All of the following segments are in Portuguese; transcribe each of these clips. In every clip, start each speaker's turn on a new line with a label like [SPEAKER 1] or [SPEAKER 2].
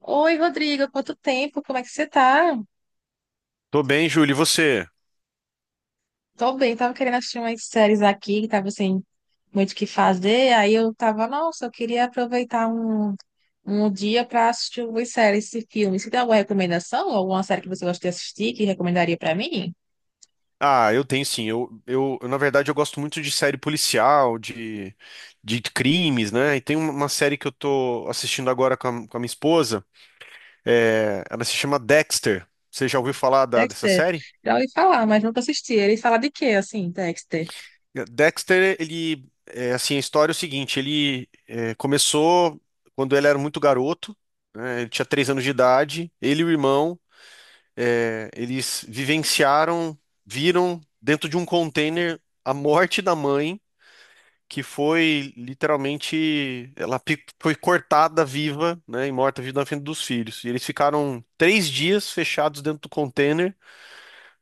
[SPEAKER 1] Oi, Rodrigo, quanto tempo? Como é que você tá?
[SPEAKER 2] Tô bem, Júlio, e você?
[SPEAKER 1] Tô bem, tava querendo assistir umas séries aqui, que tava sem muito o que fazer. Aí eu tava, nossa, eu queria aproveitar um dia pra assistir algumas séries e filmes. Você tem alguma recomendação? Alguma série que você gosta de assistir que recomendaria pra mim?
[SPEAKER 2] Ah, eu tenho sim. Na verdade, eu gosto muito de série policial, de crimes, né? E tem uma série que eu tô assistindo agora com a minha esposa. Ela se chama Dexter. Você já ouviu falar dessa
[SPEAKER 1] Dexter,
[SPEAKER 2] série?
[SPEAKER 1] já ouvi falar, mas nunca assisti. Ele fala de quê, assim, Dexter?
[SPEAKER 2] Dexter, ele, é, assim, a história é o seguinte: começou quando ele era muito garoto, né? Ele tinha três anos de idade. Ele e o irmão, eles vivenciaram, viram dentro de um container a morte da mãe que foi literalmente, foi cortada viva, né, e morta viva na frente dos filhos. E eles ficaram três dias fechados dentro do container,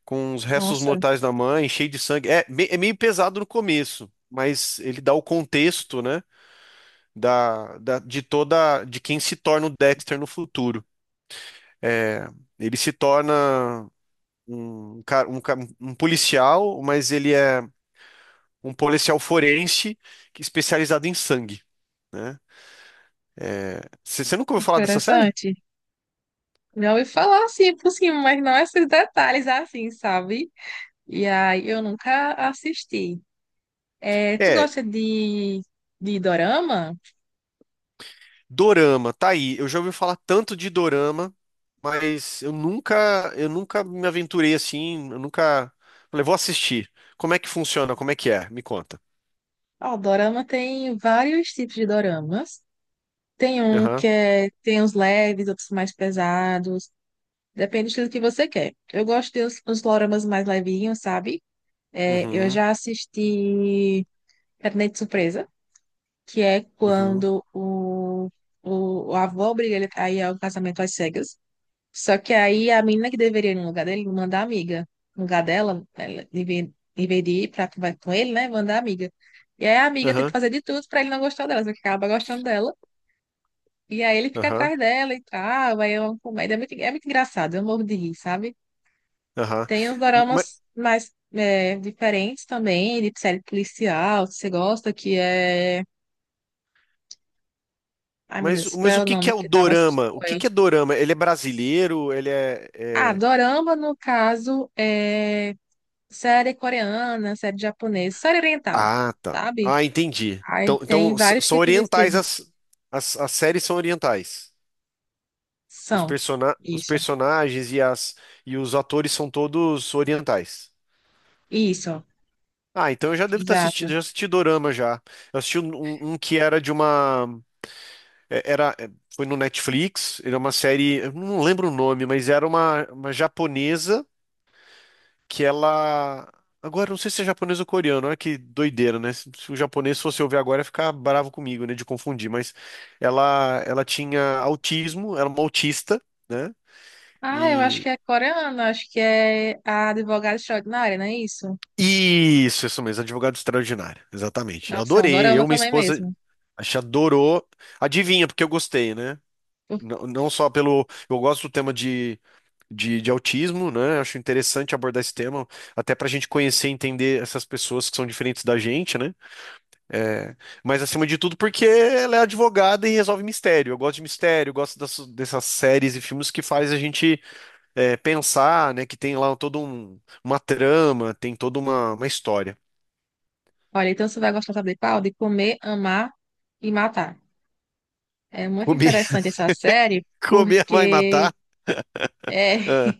[SPEAKER 2] com os restos
[SPEAKER 1] Nossa,
[SPEAKER 2] mortais da mãe, cheio de sangue. É, é meio pesado no começo, mas ele dá o contexto, né, de quem se torna o Dexter no futuro. É, ele se torna um policial, mas ele é um policial forense é especializado em sangue. Né? Você nunca ouviu falar dessa série?
[SPEAKER 1] interessante. Já ouvi falar assim por cima, mas não esses detalhes assim, sabe? E aí eu nunca assisti. É, tu
[SPEAKER 2] É,
[SPEAKER 1] gosta de, de dorama?
[SPEAKER 2] Dorama, tá aí. Eu já ouvi falar tanto de Dorama, mas eu nunca me aventurei assim, eu nunca falei, vou assistir. Como é que funciona? Como é que é? Me conta.
[SPEAKER 1] Ó, dorama tem vários tipos de doramas. Tem um
[SPEAKER 2] Aham,
[SPEAKER 1] que é, tem uns leves, outros mais pesados. Depende do estilo que você quer. Eu gosto de uns doramas mais levinhos, sabe? É, eu
[SPEAKER 2] uhum,
[SPEAKER 1] já assisti Gabinete de Surpresa, que é
[SPEAKER 2] uhum,
[SPEAKER 1] quando o avô obriga ele a ir ao casamento às cegas. Só que aí a menina que deveria ir no lugar dele mandar a amiga. No lugar dela, ela deveria ir pra conversar com ele, né? Mandar a amiga. E aí a amiga tenta
[SPEAKER 2] aham,
[SPEAKER 1] fazer de tudo pra ele não gostar dela, só que acaba gostando dela. E aí ele fica
[SPEAKER 2] aham,
[SPEAKER 1] atrás dela e tal. Aí é uma comédia. É muito engraçado, eu morro de rir, sabe?
[SPEAKER 2] aham.
[SPEAKER 1] Tem uns
[SPEAKER 2] Ma-
[SPEAKER 1] doramas mais diferentes também, de série policial, se você gosta, que é. Ai, meu Deus, qual
[SPEAKER 2] Mas,
[SPEAKER 1] é
[SPEAKER 2] o
[SPEAKER 1] o
[SPEAKER 2] que que
[SPEAKER 1] nome
[SPEAKER 2] é o
[SPEAKER 1] que eu tava assistindo
[SPEAKER 2] Dorama? O que
[SPEAKER 1] aí?
[SPEAKER 2] que é Dorama? Ele é brasileiro?
[SPEAKER 1] Ah, dorama, no caso, é série coreana, série japonesa, série oriental,
[SPEAKER 2] Ah, tá.
[SPEAKER 1] sabe?
[SPEAKER 2] Ah, entendi.
[SPEAKER 1] Aí
[SPEAKER 2] Então,
[SPEAKER 1] tem vários
[SPEAKER 2] são
[SPEAKER 1] tipos de
[SPEAKER 2] orientais
[SPEAKER 1] estilos.
[SPEAKER 2] as, as séries são orientais.
[SPEAKER 1] São.
[SPEAKER 2] Os
[SPEAKER 1] Isso.
[SPEAKER 2] personagens e os atores são todos orientais.
[SPEAKER 1] Isso.
[SPEAKER 2] Ah, então eu já devo ter
[SPEAKER 1] Exato.
[SPEAKER 2] assistido, já assisti Dorama já. Eu assisti um que era de uma. é- Era, é, Foi no Netflix, era uma série, eu não lembro o nome, mas era uma japonesa que ela. Agora, eu não sei se é japonesa ou coreano, olha que doideira, né? Se o japonês fosse ouvir agora, ia ficar bravo comigo, né? De confundir, mas ela tinha autismo, era uma autista, né?
[SPEAKER 1] Ah, eu acho que é coreana, acho que é a advogada extraordinária, não é isso?
[SPEAKER 2] Isso mesmo, advogado extraordinário, exatamente. Eu
[SPEAKER 1] Nossa, é um
[SPEAKER 2] adorei,
[SPEAKER 1] dorama
[SPEAKER 2] eu, minha
[SPEAKER 1] também
[SPEAKER 2] esposa,
[SPEAKER 1] mesmo.
[SPEAKER 2] a gente adorou. Adivinha, porque eu gostei, né? Não, não só pelo. Eu gosto do tema de autismo, né? Acho interessante abordar esse tema, até pra gente conhecer e entender essas pessoas que são diferentes da gente, né? É, mas acima de tudo, porque ela é advogada e resolve mistério. Eu gosto de mistério, eu gosto dessas séries e filmes que faz a gente pensar, né? Que tem lá uma trama, tem uma história.
[SPEAKER 1] Olha, então você vai gostar, sabe de qual? De comer, amar e matar. É muito
[SPEAKER 2] Comer,
[SPEAKER 1] interessante essa série,
[SPEAKER 2] comer vai
[SPEAKER 1] porque
[SPEAKER 2] matar?
[SPEAKER 1] é,
[SPEAKER 2] Ah,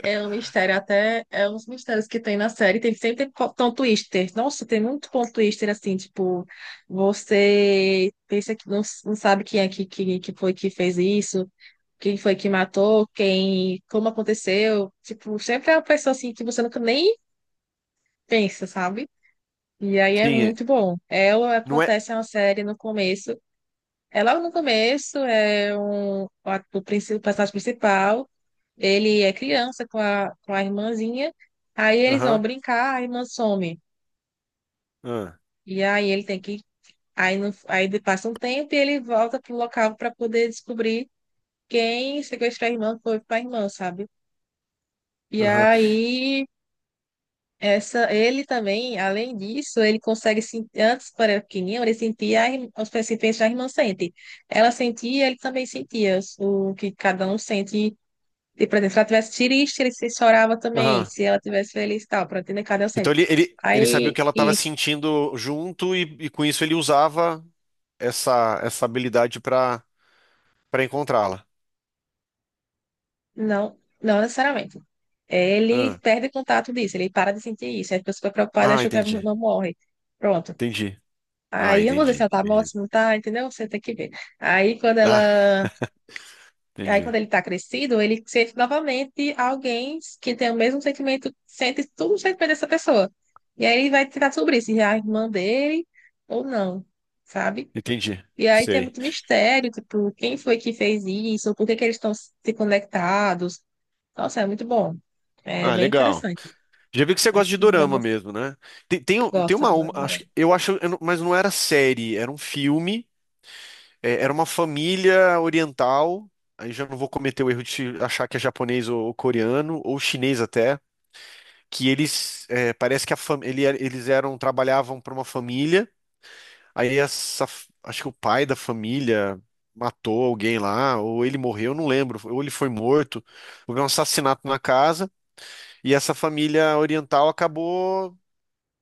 [SPEAKER 1] é um mistério, até é uns mistérios que tem na série. Tem sempre tem tom twister. Nossa, tem muito ponto twister assim, tipo, você pensa que não, não sabe quem é que foi que fez isso, quem foi que matou, quem, como aconteceu. Tipo, sempre é uma pessoa assim que você nunca nem pensa, sabe? E aí é
[SPEAKER 2] sim,
[SPEAKER 1] muito bom. Ela
[SPEAKER 2] não é.
[SPEAKER 1] acontece uma série no começo. É logo no começo, é o personagem principal. Ele é criança com com a irmãzinha. Aí eles vão
[SPEAKER 2] Aham,
[SPEAKER 1] brincar, a irmã some.
[SPEAKER 2] ah,
[SPEAKER 1] E aí ele tem que. Aí, no, aí de- Passa um tempo e ele volta pro local para poder descobrir quem sequestrou a irmã foi para a irmã, sabe? E
[SPEAKER 2] aham,
[SPEAKER 1] aí essa, ele também, além disso, ele consegue sentir, antes quando era pequenininho, ele sentia a os pensamentos da irmã sente. Ela sentia, ele também sentia o que cada um sente. E, por exemplo, se ela tivesse triste, ele se chorava também.
[SPEAKER 2] aham.
[SPEAKER 1] Se ela tivesse feliz e tal, pronto, entender cadê o
[SPEAKER 2] Então
[SPEAKER 1] centro?
[SPEAKER 2] ele sabia o
[SPEAKER 1] Aí,
[SPEAKER 2] que ela estava
[SPEAKER 1] isso.
[SPEAKER 2] sentindo junto e com isso ele usava essa habilidade para encontrá-la.
[SPEAKER 1] Não, não necessariamente. Ele
[SPEAKER 2] Ah,
[SPEAKER 1] perde contato disso, ele para de sentir isso. Aí a pessoa fica preocupada e
[SPEAKER 2] ah,
[SPEAKER 1] acha que a
[SPEAKER 2] entendi,
[SPEAKER 1] pessoa morre. Pronto.
[SPEAKER 2] entendi. Ah,
[SPEAKER 1] Aí eu não sei se
[SPEAKER 2] entendi,
[SPEAKER 1] ela tá morta,
[SPEAKER 2] entendi.
[SPEAKER 1] se não tá, entendeu? Você tem que ver. Aí quando
[SPEAKER 2] Ah,
[SPEAKER 1] ela. Aí
[SPEAKER 2] entendi,
[SPEAKER 1] quando ele tá crescido, ele sente novamente alguém que tem o mesmo sentimento, sente tudo o sentimento dessa pessoa. E aí ele vai tentar sobre isso, se é a irmã dele ou não, sabe?
[SPEAKER 2] entendi.
[SPEAKER 1] E aí tem
[SPEAKER 2] Sei.
[SPEAKER 1] muito mistério, tipo, quem foi que fez isso, por que que eles estão se conectados. Nossa, é muito bom. É
[SPEAKER 2] Ah,
[SPEAKER 1] bem
[SPEAKER 2] legal.
[SPEAKER 1] interessante.
[SPEAKER 2] Já vi que você gosta
[SPEAKER 1] Acho
[SPEAKER 2] de
[SPEAKER 1] que vai
[SPEAKER 2] dorama mesmo, né? Tem, tem, um- tem
[SPEAKER 1] gostar,
[SPEAKER 2] uma-
[SPEAKER 1] adoro,
[SPEAKER 2] acho,
[SPEAKER 1] adoro.
[SPEAKER 2] que- eu acho, eu não- mas não era série, era um filme, era uma família oriental. Aí já não vou cometer o erro de achar que é japonês ou coreano ou chinês até, que eles parece que a fam, ele era- eles eram trabalhavam para uma família. Aí acho que o pai da família matou alguém lá, ou ele morreu, eu não lembro, ou ele foi morto, houve um assassinato na casa. E essa família oriental acabou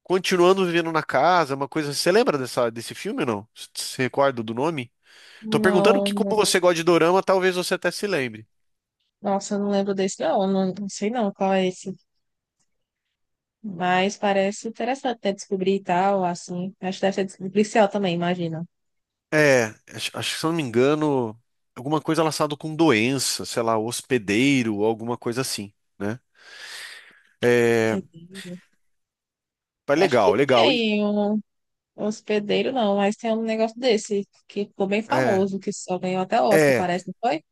[SPEAKER 2] continuando vivendo na casa, uma coisa. Você lembra desse filme ou não? Você se recorda do nome? Tô perguntando
[SPEAKER 1] Não,
[SPEAKER 2] que, como
[SPEAKER 1] não.
[SPEAKER 2] você gosta de dorama, talvez você até se lembre.
[SPEAKER 1] Nossa, eu não lembro desse, não, não, não sei não qual é esse. Mas parece interessante, né, descobrir e tal, assim. Acho que deve ser policial também, imagina.
[SPEAKER 2] É, acho que se eu não me engano, alguma coisa relacionada com doença, sei lá, hospedeiro, alguma coisa assim, né? É, mas
[SPEAKER 1] Acho que
[SPEAKER 2] legal, legal. E,
[SPEAKER 1] tem um hospedeiro, não, mas tem um negócio desse que ficou bem
[SPEAKER 2] é,
[SPEAKER 1] famoso, que só ganhou até Oscar,
[SPEAKER 2] é,
[SPEAKER 1] parece, não foi?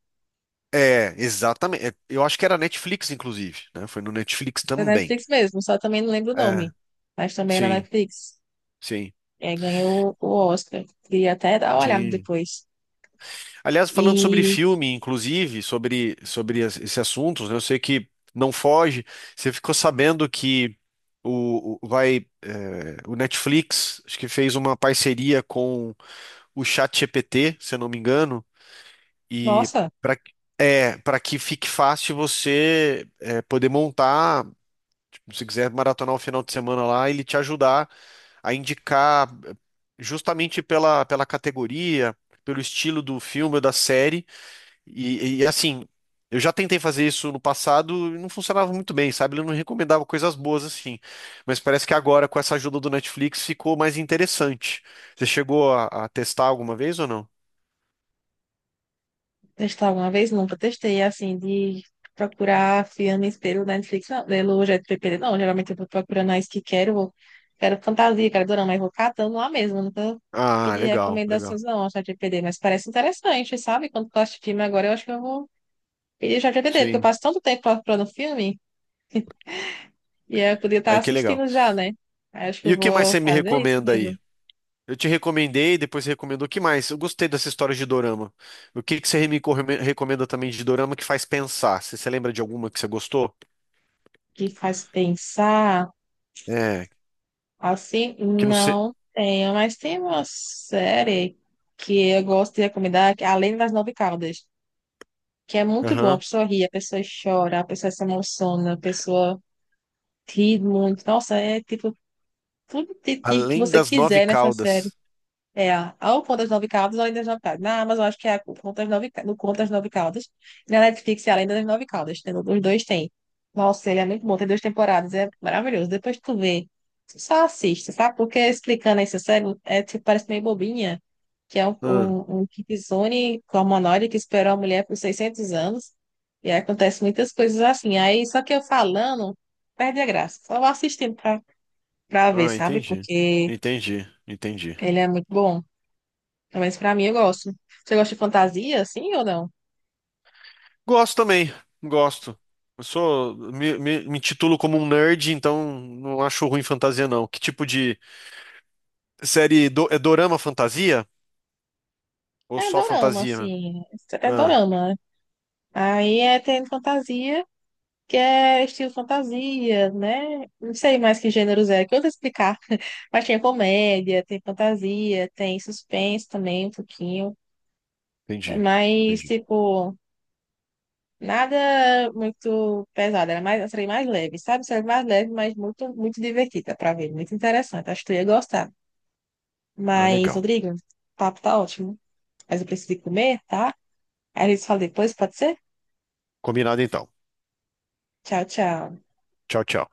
[SPEAKER 2] é, exatamente. É, eu acho que era Netflix, inclusive, né? Foi no Netflix
[SPEAKER 1] É da
[SPEAKER 2] também.
[SPEAKER 1] Netflix mesmo, só também não lembro o
[SPEAKER 2] É,
[SPEAKER 1] nome, mas também era
[SPEAKER 2] sim,
[SPEAKER 1] Netflix.
[SPEAKER 2] sim,
[SPEAKER 1] E ganhou o Oscar. Queria até dar uma olhada
[SPEAKER 2] sim.
[SPEAKER 1] depois.
[SPEAKER 2] Aliás, falando sobre
[SPEAKER 1] E,
[SPEAKER 2] filme, inclusive, sobre esse assunto, né, eu sei que não foge. Você ficou sabendo que vai, o Netflix, acho que fez uma parceria com o ChatGPT, se eu não me engano, e
[SPEAKER 1] nossa,
[SPEAKER 2] para é, para que fique fácil você poder montar, tipo, se quiser maratonar o final de semana lá, ele te ajudar a indicar justamente pela categoria, pelo estilo do filme ou da série e, assim, eu já tentei fazer isso no passado e não funcionava muito bem, sabe? Ele não recomendava coisas boas assim. Mas parece que agora, com essa ajuda do Netflix, ficou mais interessante. Você chegou a testar alguma vez ou não?
[SPEAKER 1] testar alguma vez? Nunca testei, assim, de procurar filmes pelo Netflix, não, pelo GPP, não. Geralmente eu vou procurando as que quero, quero fantasia, quero dorama, mas vou catando lá mesmo. Nunca
[SPEAKER 2] Ah,
[SPEAKER 1] pedi
[SPEAKER 2] legal, legal.
[SPEAKER 1] recomendações, não, ao ChatGPT, mas parece interessante, sabe? Quando tu assiste filme agora, eu acho que eu vou pedir o ChatGPT, porque eu
[SPEAKER 2] Sim.
[SPEAKER 1] passo tanto tempo procurando filme e eu podia estar
[SPEAKER 2] Aí que legal.
[SPEAKER 1] assistindo já, né? Aí eu acho que
[SPEAKER 2] E
[SPEAKER 1] eu
[SPEAKER 2] o que mais
[SPEAKER 1] vou
[SPEAKER 2] você me
[SPEAKER 1] fazer isso
[SPEAKER 2] recomenda aí?
[SPEAKER 1] mesmo,
[SPEAKER 2] Eu te recomendei, depois você recomendou. O que mais? Eu gostei dessa história de dorama. O que que você recomenda também de dorama que faz pensar? Você lembra de alguma que você gostou?
[SPEAKER 1] que faz pensar.
[SPEAKER 2] É,
[SPEAKER 1] Assim,
[SPEAKER 2] que não sei.
[SPEAKER 1] não tenho, mas tem uma série que eu gosto de recomendar, que é Além das Nove Caudas, que é muito bom. A
[SPEAKER 2] Aham.
[SPEAKER 1] pessoa ri, a pessoa chora, a pessoa se emociona, a pessoa ri muito. Nossa, é tipo tudo de que
[SPEAKER 2] Além
[SPEAKER 1] você
[SPEAKER 2] das nove
[SPEAKER 1] quiser nessa série.
[SPEAKER 2] caudas.
[SPEAKER 1] É, ao Contas Nove Caldas, Além das Nove Caldas. Na Amazon, acho que é a Contas Nove, no Contas Nove Caldas. E na Netflix é Além das Nove Caldas. Tem, os dois tem. Nossa, ele é muito bom. Tem duas temporadas. É maravilhoso. Depois tu vê. Só assiste, sabe? Porque explicando essa série, é, tipo, parece meio bobinha. Que é um,
[SPEAKER 2] Ah,
[SPEAKER 1] um, um Kitsune com humanoide que esperou a mulher por 600 anos. E aí acontece muitas coisas assim. Aí, só que eu falando, perde a graça. Só vou assistindo pra ver,
[SPEAKER 2] ah,
[SPEAKER 1] sabe?
[SPEAKER 2] entendi.
[SPEAKER 1] Porque
[SPEAKER 2] Entendi, entendi.
[SPEAKER 1] ele é muito bom. Mas pra mim eu gosto. Você gosta de fantasia, assim ou não?
[SPEAKER 2] Gosto também, gosto. Eu sou, me titulo como um nerd, então não acho ruim fantasia, não. Que tipo de série é dorama fantasia? Ou
[SPEAKER 1] É
[SPEAKER 2] só
[SPEAKER 1] dorama,
[SPEAKER 2] fantasia, né?
[SPEAKER 1] assim. É
[SPEAKER 2] Ah,
[SPEAKER 1] dorama. Né? Aí é tem fantasia, que é estilo fantasia, né? Não sei mais que gêneros é, que eu vou te explicar. Mas tem comédia, tem fantasia, tem suspense também, um pouquinho.
[SPEAKER 2] entendi,
[SPEAKER 1] Mas,
[SPEAKER 2] entendi.
[SPEAKER 1] tipo, nada muito pesado. Era mais, seria mais leve, sabe? Seria mais leve, mas muito divertida pra ver. Muito interessante. Acho que tu ia gostar.
[SPEAKER 2] Ah,
[SPEAKER 1] Mas,
[SPEAKER 2] legal.
[SPEAKER 1] Rodrigo, o papo tá ótimo, mas eu preciso ir comer, tá? Aí eles falam depois, pode ser?
[SPEAKER 2] Combinado então.
[SPEAKER 1] Tchau, tchau.
[SPEAKER 2] Tchau, tchau.